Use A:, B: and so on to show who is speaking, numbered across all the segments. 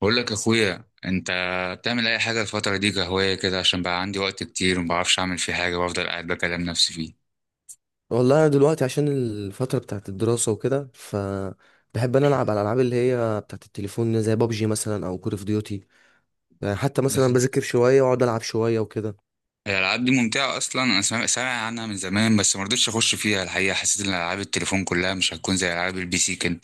A: بقول لك اخويا، انت بتعمل اي حاجه الفتره دي كهوايه كده؟ عشان بقى عندي وقت كتير وما بعرفش اعمل فيه حاجه وافضل قاعد بكلم نفسي فيه.
B: والله انا دلوقتي عشان الفتره بتاعت الدراسه وكده فبحب انا العب على الالعاب اللي هي بتاعت التليفون زي بابجي مثلا او كول اوف ديوتي. يعني حتى
A: بس
B: مثلا بذاكر شويه واقعد العب شويه وكده.
A: هي الالعاب دي ممتعه اصلا؟ انا سامع سامع عنها من زمان بس ما رضيتش اخش فيها. الحقيقه حسيت ان العاب التليفون كلها مش هتكون زي العاب البي سي كده.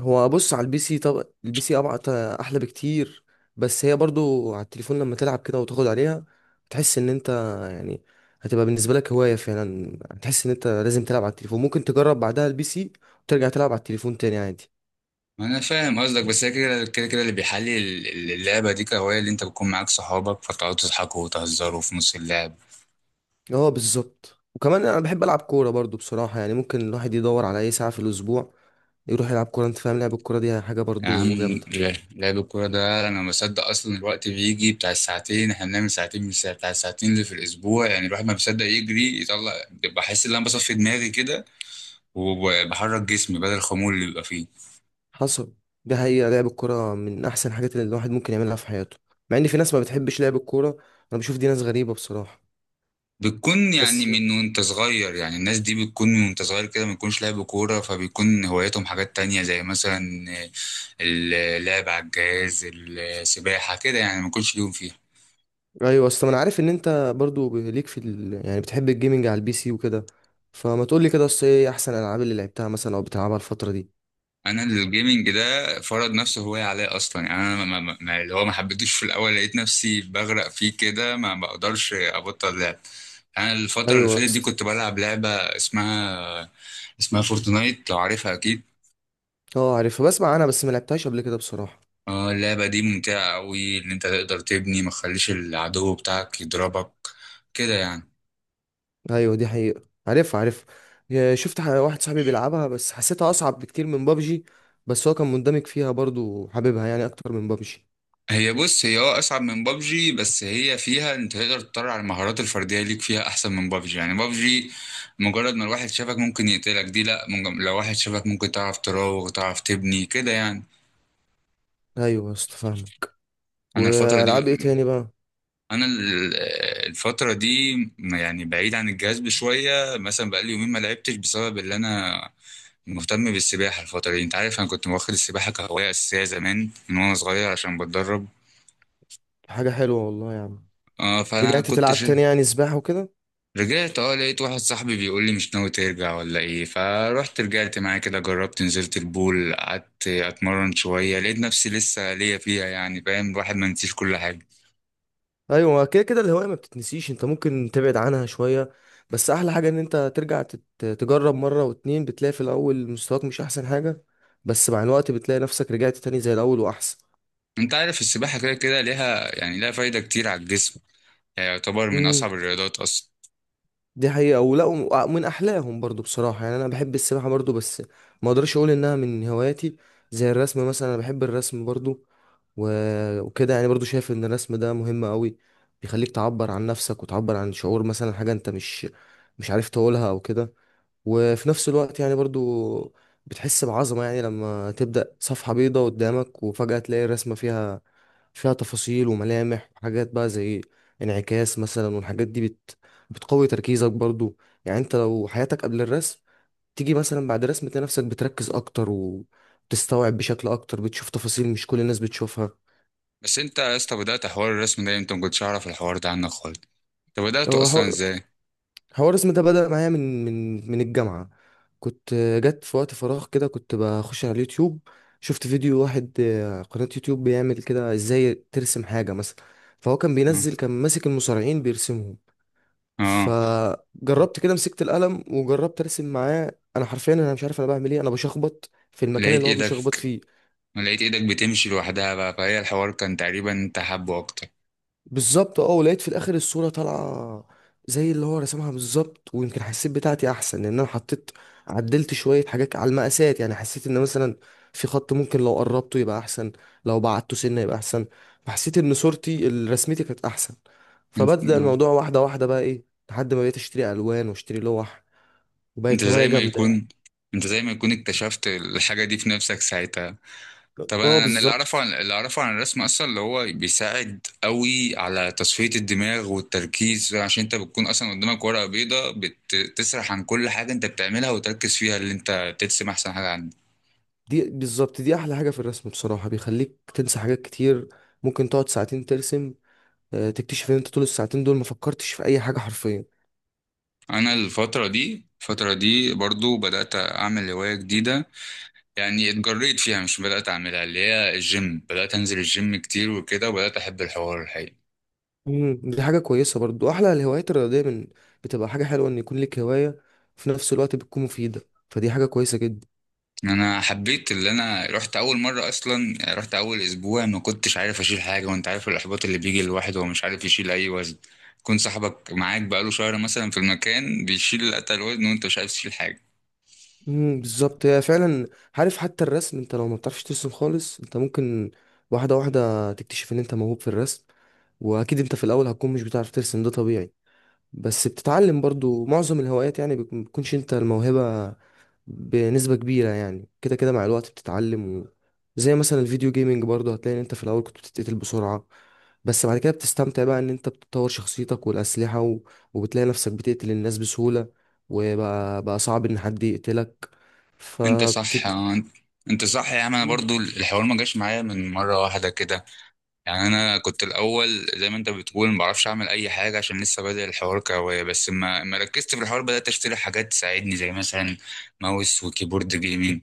B: هو بص، على البي سي، طب البي سي ابعت احلى بكتير، بس هي برضو على التليفون لما تلعب كده وتاخد عليها تحس ان انت، يعني، هتبقى بالنسبه لك هوايه فعلا، هتحس ان انت لازم تلعب على التليفون، ممكن تجرب بعدها البي سي وترجع تلعب على التليفون تاني عادي.
A: ما انا فاهم قصدك، بس هي كده كده كده اللي بيحلي اللعبه دي كهوايه، اللي انت بتكون معاك صحابك فتقعدوا تضحكوا وتهزروا في نص اللعب.
B: اه بالظبط، وكمان انا بحب العب كوره برضو بصراحه، يعني ممكن الواحد يدور على اي ساعه في الاسبوع يروح يلعب كوره. انت فاهم، لعب الكوره دي حاجه
A: يا عم،
B: برضو جامده.
A: لعب الكورة ده أنا ما بصدق أصلا. الوقت بيجي بتاع الساعتين، إحنا بنعمل ساعتين من الساعة بتاع الساعتين اللي في الأسبوع، يعني الواحد ما بيصدق يجري يطلع. بحس إن أنا بصفي دماغي كده وبحرك جسمي بدل الخمول اللي بيبقى فيه.
B: حصل، دي حقيقه، لعب الكوره من احسن الحاجات اللي الواحد ممكن يعملها في حياته. مع ان في ناس ما بتحبش لعب الكوره، انا بشوف دي ناس غريبه بصراحه.
A: بتكون يعني
B: بس
A: من وأنت صغير، يعني الناس دي بتكون من وأنت صغير كده ما بيكونش لعب كورة، فبيكون هواياتهم حاجات تانية زي مثلا اللعب على الجهاز، السباحة كده، يعني ما بيكونش ليهم فيها.
B: ايوه، اصل انا عارف ان انت برضو ليك في يعني بتحب الجيمنج على البي سي وكده، فما تقول لي كده، اصل ايه احسن الالعاب اللي لعبتها مثلا او بتلعبها الفتره دي؟
A: انا الجيمنج ده فرض نفسه هواية عليا اصلا. يعني انا اللي هو ما حبيتوش في الاول، لقيت نفسي بغرق فيه كده ما بقدرش ابطل لعب. انا الفترة اللي
B: ايوه.
A: فاتت دي كنت بلعب لعبة اسمها فورتنايت، لو عارفها اكيد.
B: اه عارفها، بسمع عنها بس ما لعبتهاش قبل كده بصراحه.
A: اه، اللعبة دي ممتعة قوي ان انت تقدر تبني ما تخليش العدو بتاعك يضربك، كده يعني.
B: ايوه دي حقيقة، عارفها عارفها. شفت واحد صاحبي بيلعبها بس حسيتها اصعب بكتير من بابجي، بس هو كان مندمج فيها برضو حاببها يعني اكتر من بابجي.
A: هي بص، هي اصعب من بابجي، بس هي فيها انت تقدر تطلع على المهارات الفرديه ليك فيها احسن من بابجي. يعني بابجي مجرد ما الواحد شافك ممكن يقتلك، دي لا لو واحد شافك ممكن تعرف تراوغ تعرف تبني كده يعني.
B: ايوه يا اسطى فاهمك.
A: انا الفتره دي
B: والعاب ايه تاني بقى؟
A: انا ال- الفتره دي يعني بعيد عن الجهاز شويه، مثلا بقالي يومين ما لعبتش بسبب اللي انا مهتم بالسباحه الفتره دي. انت عارف انا كنت واخد السباحه كهوايه اساسيه زمان من وانا صغير عشان بتدرب.
B: حاجة حلوة والله يا عم.
A: اه، فانا
B: رجعت
A: كنت.
B: تلعب تاني يعني سباحة وكده؟
A: رجعت، لقيت واحد صاحبي بيقول لي مش ناوي ترجع ولا ايه؟ فروحت رجعت معاه كده، جربت نزلت البول قعدت اتمرن شوية، لقيت نفسي لسه ليا فيها يعني، فاهم، الواحد ما نسيش كل حاجة.
B: ايوه كده كده، الهواية ما بتتنسيش، انت ممكن تبعد عنها شوية بس احلى حاجة ان انت ترجع تجرب مرة واتنين، بتلاقي في الاول مستواك مش احسن حاجة بس مع الوقت بتلاقي نفسك رجعت تاني زي الاول واحسن.
A: انت عارف السباحة كده كده ليها، يعني ليها فايدة كتير على الجسم. يعني يعتبر من
B: إمم.
A: اصعب الرياضات اصلا.
B: دي حقيقة ولا، ومن أحلاهم برضو بصراحة. يعني أنا بحب السباحة برضو بس ما أقدرش أقول إنها من هواياتي. زي الرسم مثلا، أنا بحب الرسم برضو، وكده يعني، برضو شايف إن الرسم ده مهم أوي. بيخليك تعبر عن نفسك وتعبر عن شعور، مثلا حاجة أنت مش مش عارف تقولها أو كده، وفي نفس الوقت يعني برضو بتحس بعظمة، يعني لما تبدأ صفحة بيضة قدامك وفجأة تلاقي الرسمة فيها تفاصيل وملامح وحاجات بقى زي انعكاس مثلا. والحاجات دي بتقوي تركيزك برضو، يعني انت لو حياتك قبل الرسم تيجي مثلا بعد الرسم تلاقي نفسك بتركز اكتر وتستوعب بشكل اكتر، بتشوف تفاصيل مش كل الناس بتشوفها.
A: بس انت يا اسطى بدأت حوار الرسم ده امتى؟ ما كنتش اعرف الحوار ده عنك خالص. انت بدأته
B: هو
A: اصلا ازاي؟
B: حوار اسمه ده بدأ معايا من الجامعة. كنت، جت في وقت فراغ كده، كنت بخش على اليوتيوب، شفت فيديو واحد، قناة يوتيوب بيعمل كده ازاي ترسم حاجة مثلا، فهو كان
A: اه.
B: بينزل كان ماسك المصارعين بيرسمهم.
A: آه.
B: فجربت كده، مسكت القلم وجربت ارسم معاه، انا حرفيا انا مش عارف انا بعمل ايه، انا بشخبط في المكان
A: لقيت
B: اللي هو بيشخبط
A: ايدك
B: فيه.
A: لقيت ايدك بتمشي لوحدها بقى، فهي الحوار كان تقريبا انت حابه اكتر.
B: بالظبط اه، ولقيت في الاخر الصوره طالعه زي اللي هو رسمها بالظبط، ويمكن حسيت بتاعتي احسن لان انا حطيت، عدلت شويه حاجات على المقاسات، يعني حسيت ان مثلا في خط ممكن لو قربته يبقى احسن، لو بعدته سنه يبقى احسن، فحسيت ان صورتي رسمتي كانت احسن.
A: انت،
B: فبدأ
A: آه.
B: الموضوع واحده واحده بقى ايه، لحد ما بقيت اشتري الوان واشتري لوح،
A: انت
B: وبقت هوايه
A: زي ما
B: جامده يعني.
A: يكون انت زي ما يكون اكتشفت الحاجة دي في نفسك ساعتها. طب
B: اه
A: انا اللي اعرفه
B: بالظبط.
A: عن اللي اعرفه عن الرسم اصلا، اللي هو بيساعد قوي على تصفية الدماغ والتركيز، عشان انت بتكون اصلا قدامك ورقة بيضاء. بتسرح عن كل حاجة انت بتعملها وتركز فيها اللي انت ترسم احسن حاجة عندك.
B: دي بالظبط دي احلى حاجه في الرسم بصراحه، بيخليك تنسى حاجات كتير. ممكن تقعد ساعتين ترسم، تكتشف ان انت طول الساعتين دول ما فكرتش في اي حاجه حرفيا.
A: انا الفترة دي برضو بدأت اعمل هواية جديدة، يعني اتجريت فيها مش بدأت اعملها، اللي هي الجيم. بدأت انزل الجيم كتير وكده، وبدأت احب الحوار الحقيقي.
B: دي حاجه كويسه برضو، احلى الهوايات الرياضيه من، بتبقى حاجه حلوه ان يكون لك هوايه في نفس الوقت بتكون مفيده، فدي حاجه كويسه جدا.
A: انا حبيت، اللي انا رحت اول مره اصلا، يعني رحت اول اسبوع ما كنتش عارف اشيل حاجه، وانت عارف الاحباط اللي بيجي للواحد وهو مش عارف يشيل اي وزن. يكون صاحبك معاك بقاله شهر مثلا في المكان بيشيل اتقل وزن وانت مش عارف تشيل حاجه.
B: بالظبط، هي فعلا. عارف حتى الرسم، انت لو ما بتعرفش ترسم خالص انت ممكن واحده واحده تكتشف ان انت موهوب في الرسم. واكيد انت في الاول هتكون مش بتعرف ترسم، ده طبيعي بس بتتعلم. برضو معظم الهوايات يعني بتكونش انت الموهبه بنسبة كبيرة، يعني كده كده مع الوقت بتتعلم. و... زي مثلا الفيديو جيمينج برضه، هتلاقي ان انت في الاول كنت بتتقتل بسرعة بس بعد كده بتستمتع بقى، ان انت بتطور شخصيتك والأسلحة و... وبتلاقي نفسك بتقتل الناس بسهولة وبقى بقى صعب ان حد يقتلك،
A: انت صح
B: فبتبقى.
A: اه، انت صح يا عم. انا برضو الحوار ما جاش معايا من مره واحده كده، يعني انا كنت الاول زي ما انت بتقول ما بعرفش اعمل اي حاجه عشان لسه بادئ الحوار كهوايه، بس ما ركزت في الحوار بدات اشتري حاجات تساعدني زي مثلا ماوس وكيبورد جيمنج،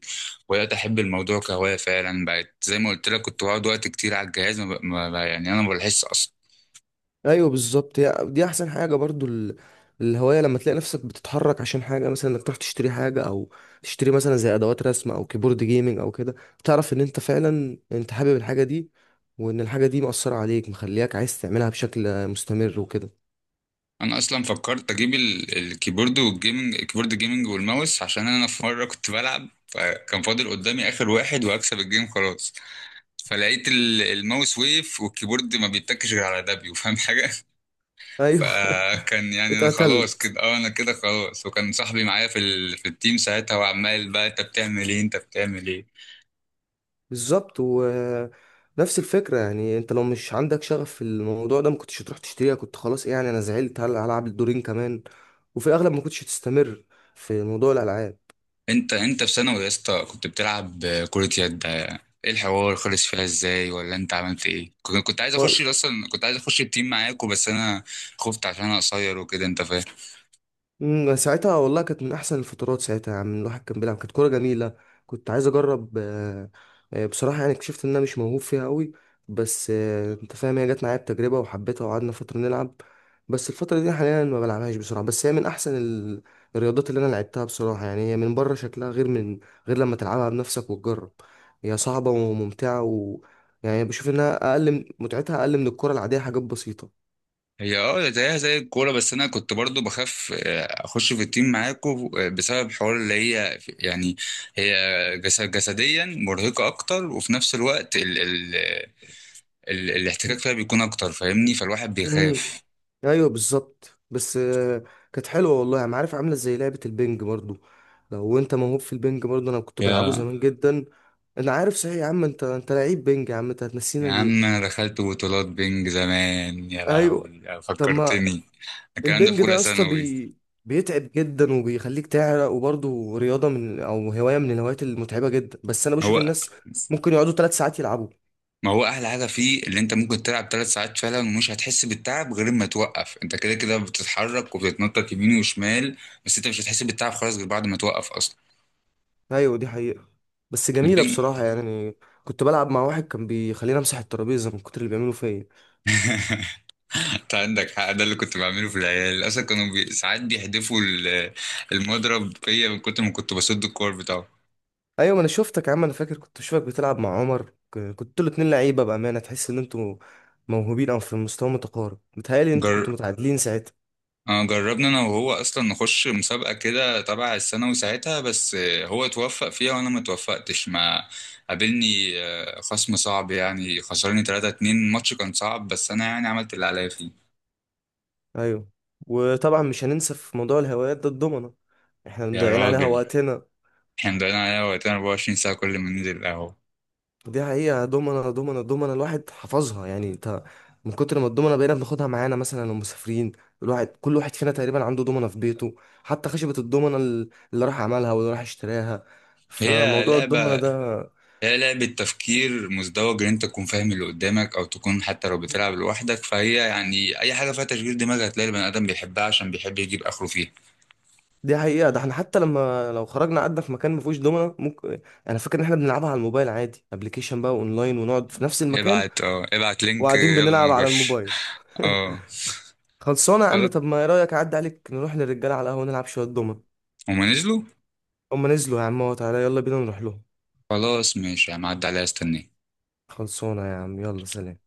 A: وبدات احب الموضوع كهوايه فعلا. بقت زي ما قلت لك كنت بقعد وقت كتير على الجهاز، ما ب... ما ب... يعني انا ما بحس اصلا.
B: ايوه بالظبط، هي دي احسن حاجه برضو. الهوايه لما تلاقي نفسك بتتحرك عشان حاجه، مثلا انك تروح تشتري حاجه، او تشتري مثلا زي ادوات رسم او كيبورد جيمنج او كده، تعرف ان انت فعلا انت حابب الحاجه دي، وان الحاجه دي مأثره عليك مخلياك عايز تعملها بشكل مستمر وكده.
A: انا اصلا فكرت اجيب الكيبورد والجيمنج، الكيبورد جيمنج والماوس، عشان انا في مره كنت بلعب فكان فاضل قدامي اخر واحد وهكسب الجيم خلاص، فلقيت الماوس ويف والكيبورد ما بيتكش غير على دبليو. فاهم حاجه؟
B: ايوه
A: فكان يعني انا خلاص
B: اتقتلت.
A: كده، انا كده خلاص، وكان صاحبي معايا في التيم ساعتها، وعمال بقى: انت بتعمل ايه؟ انت بتعمل ايه؟
B: بالظبط، ونفس الفكره يعني انت لو مش عندك شغف في الموضوع ده ما كنتش هتروح تشتريها، كنت خلاص إيه، يعني انا زعلت هلعب الدورين كمان. وفي الاغلب ما كنتش هتستمر في موضوع الالعاب.
A: انت في ثانوي يا اسطى كنت بتلعب كرة يد، ايه الحوار خلص فيها ازاي ولا انت عملت ايه؟ كنت عايز اخش اصلا، كنت عايز اخش التيم معاكوا بس انا خفت عشان انا قصير وكده، انت فاهم.
B: ساعتها والله كانت من احسن الفترات، ساعتها يعني الواحد كان بيلعب، كانت كوره جميله. كنت عايز اجرب، بصراحه يعني اكتشفت ان انا مش موهوب فيها قوي، بس انت فاهم هي جت معايا بتجربه وحبيتها وقعدنا فتره نلعب. بس الفتره دي حاليا ما بلعبهاش بسرعه، بس هي من احسن الرياضات اللي انا لعبتها بصراحه. يعني هي من بره شكلها غير من، غير لما تلعبها بنفسك وتجرب، هي صعبه وممتعه، و يعني بشوف انها اقل متعتها اقل من الكره العاديه حاجات بسيطه.
A: هي زيها زي الكورة، بس أنا كنت برضو بخاف أخش في التيم معاكم بسبب حوار اللي هي يعني هي جسديا مرهقة أكتر، وفي نفس الوقت ال ال ال الاحتكاك فيها بيكون أكتر، فاهمني، فالواحد
B: امم
A: بيخاف.
B: ايوه بالظبط، بس كانت حلوه والله. انا عارف عامله زي لعبه البنج برضو، لو انت موهوب في البنج برضو، انا كنت بلعبه
A: يا
B: زمان جدا. انا عارف، صحيح يا عم، انت لعيب بنج يا عم، انت هتنسينا
A: يا
B: ليه؟
A: عم، أنا دخلت بطولات بينج زمان، يا
B: ايوه.
A: لهوي
B: طب ما
A: فكرتني، الكلام ده في
B: البنج ده
A: أولى
B: يا اسطى
A: ثانوي.
B: بيتعب جدا وبيخليك تعرق، وبرضه رياضه من، او هوايه من الهوايات المتعبه جدا، بس انا بشوف
A: هو
B: الناس ممكن يقعدوا 3 ساعات يلعبوا.
A: ما هو احلى حاجه فيه اللي انت ممكن تلعب 3 ساعات فعلا ومش هتحس بالتعب غير ما توقف، انت كده كده بتتحرك وبتتنطط يمين وشمال، بس انت مش هتحس بالتعب خالص غير بعد ما توقف اصلا.
B: ايوه دي حقيقه، بس جميله
A: البنج.
B: بصراحه يعني. كنت بلعب مع واحد كان بيخليني امسح الترابيزه من كتر اللي بيعملوا فيا.
A: انت عندك حق، ده اللي كنت بعمله في العيال اصلا. كانوا ساعات بيحدفوا المضرب فيا من كتر ما كنت بسد الكور
B: ايوه ما انا شفتك يا عم، انا فاكر كنت بشوفك بتلعب مع عمر، كنتوا الاتنين لعيبه بامانه، تحس ان انتوا موهوبين او في مستوى متقارب، متهيألي انتوا
A: بتاعه.
B: كنتوا متعادلين ساعتها.
A: جربنا انا وهو اصلا نخش مسابقه كده تبع الثانوي ساعتها، بس هو توفق فيها وانا ما توفقتش، ما قابلني خصم صعب، يعني خسرني 3-2، الماتش كان صعب بس انا يعني عملت اللي عليا فيه.
B: ايوه. وطبعا مش هننسى في موضوع الهوايات ده الضمنه، احنا
A: يا
B: مضيعين عليها
A: راجل،
B: وقتنا.
A: احنا مضيعين عليها وقتنا 24 ساعه كل ما ننزل القهوه.
B: دي حقيقه، ضمنه ضمنه ضمنه، الواحد حفظها يعني انت، من كتر ما الضمنه بقينا بناخدها معانا مثلا لو مسافرين، الواحد كل واحد فينا تقريبا عنده ضمنه في بيته، حتى خشبه الضمنه اللي راح عملها واللي راح اشتراها.
A: هي
B: فموضوع الضمنه
A: لعبه
B: ده
A: هي لعبه تفكير مزدوج، ان انت تكون فاهم اللي قدامك او تكون حتى لو بتلعب لوحدك، فهي يعني اي حاجه فيها تشغيل دماغ هتلاقي البني ادم بيحبها عشان بيحب يجيب اخره فيها.
B: دي حقيقة، ده احنا حتى لما لو خرجنا قعدنا في مكان ما فيهوش دومنة، ممكن، انا فاكر ان احنا بنلعبها على الموبايل عادي، ابلكيشن بقى اونلاين، ونقعد في نفس المكان
A: ابعت لينك،
B: وقاعدين بنلعب
A: يلا
B: على
A: نخش.
B: الموبايل.
A: اه،
B: خلصانة يا عم،
A: خلاص.
B: طب ما ايه رأيك اعدي عليك نروح للرجالة على القهوة نلعب شوية دومنة؟
A: هما نزلوا.
B: هما نزلوا يا عم اهو، تعالى يلا بينا نروح لهم.
A: خلاص ماشي، هعدي عليها، استني.
B: خلصانة يا عم، يلا سلام.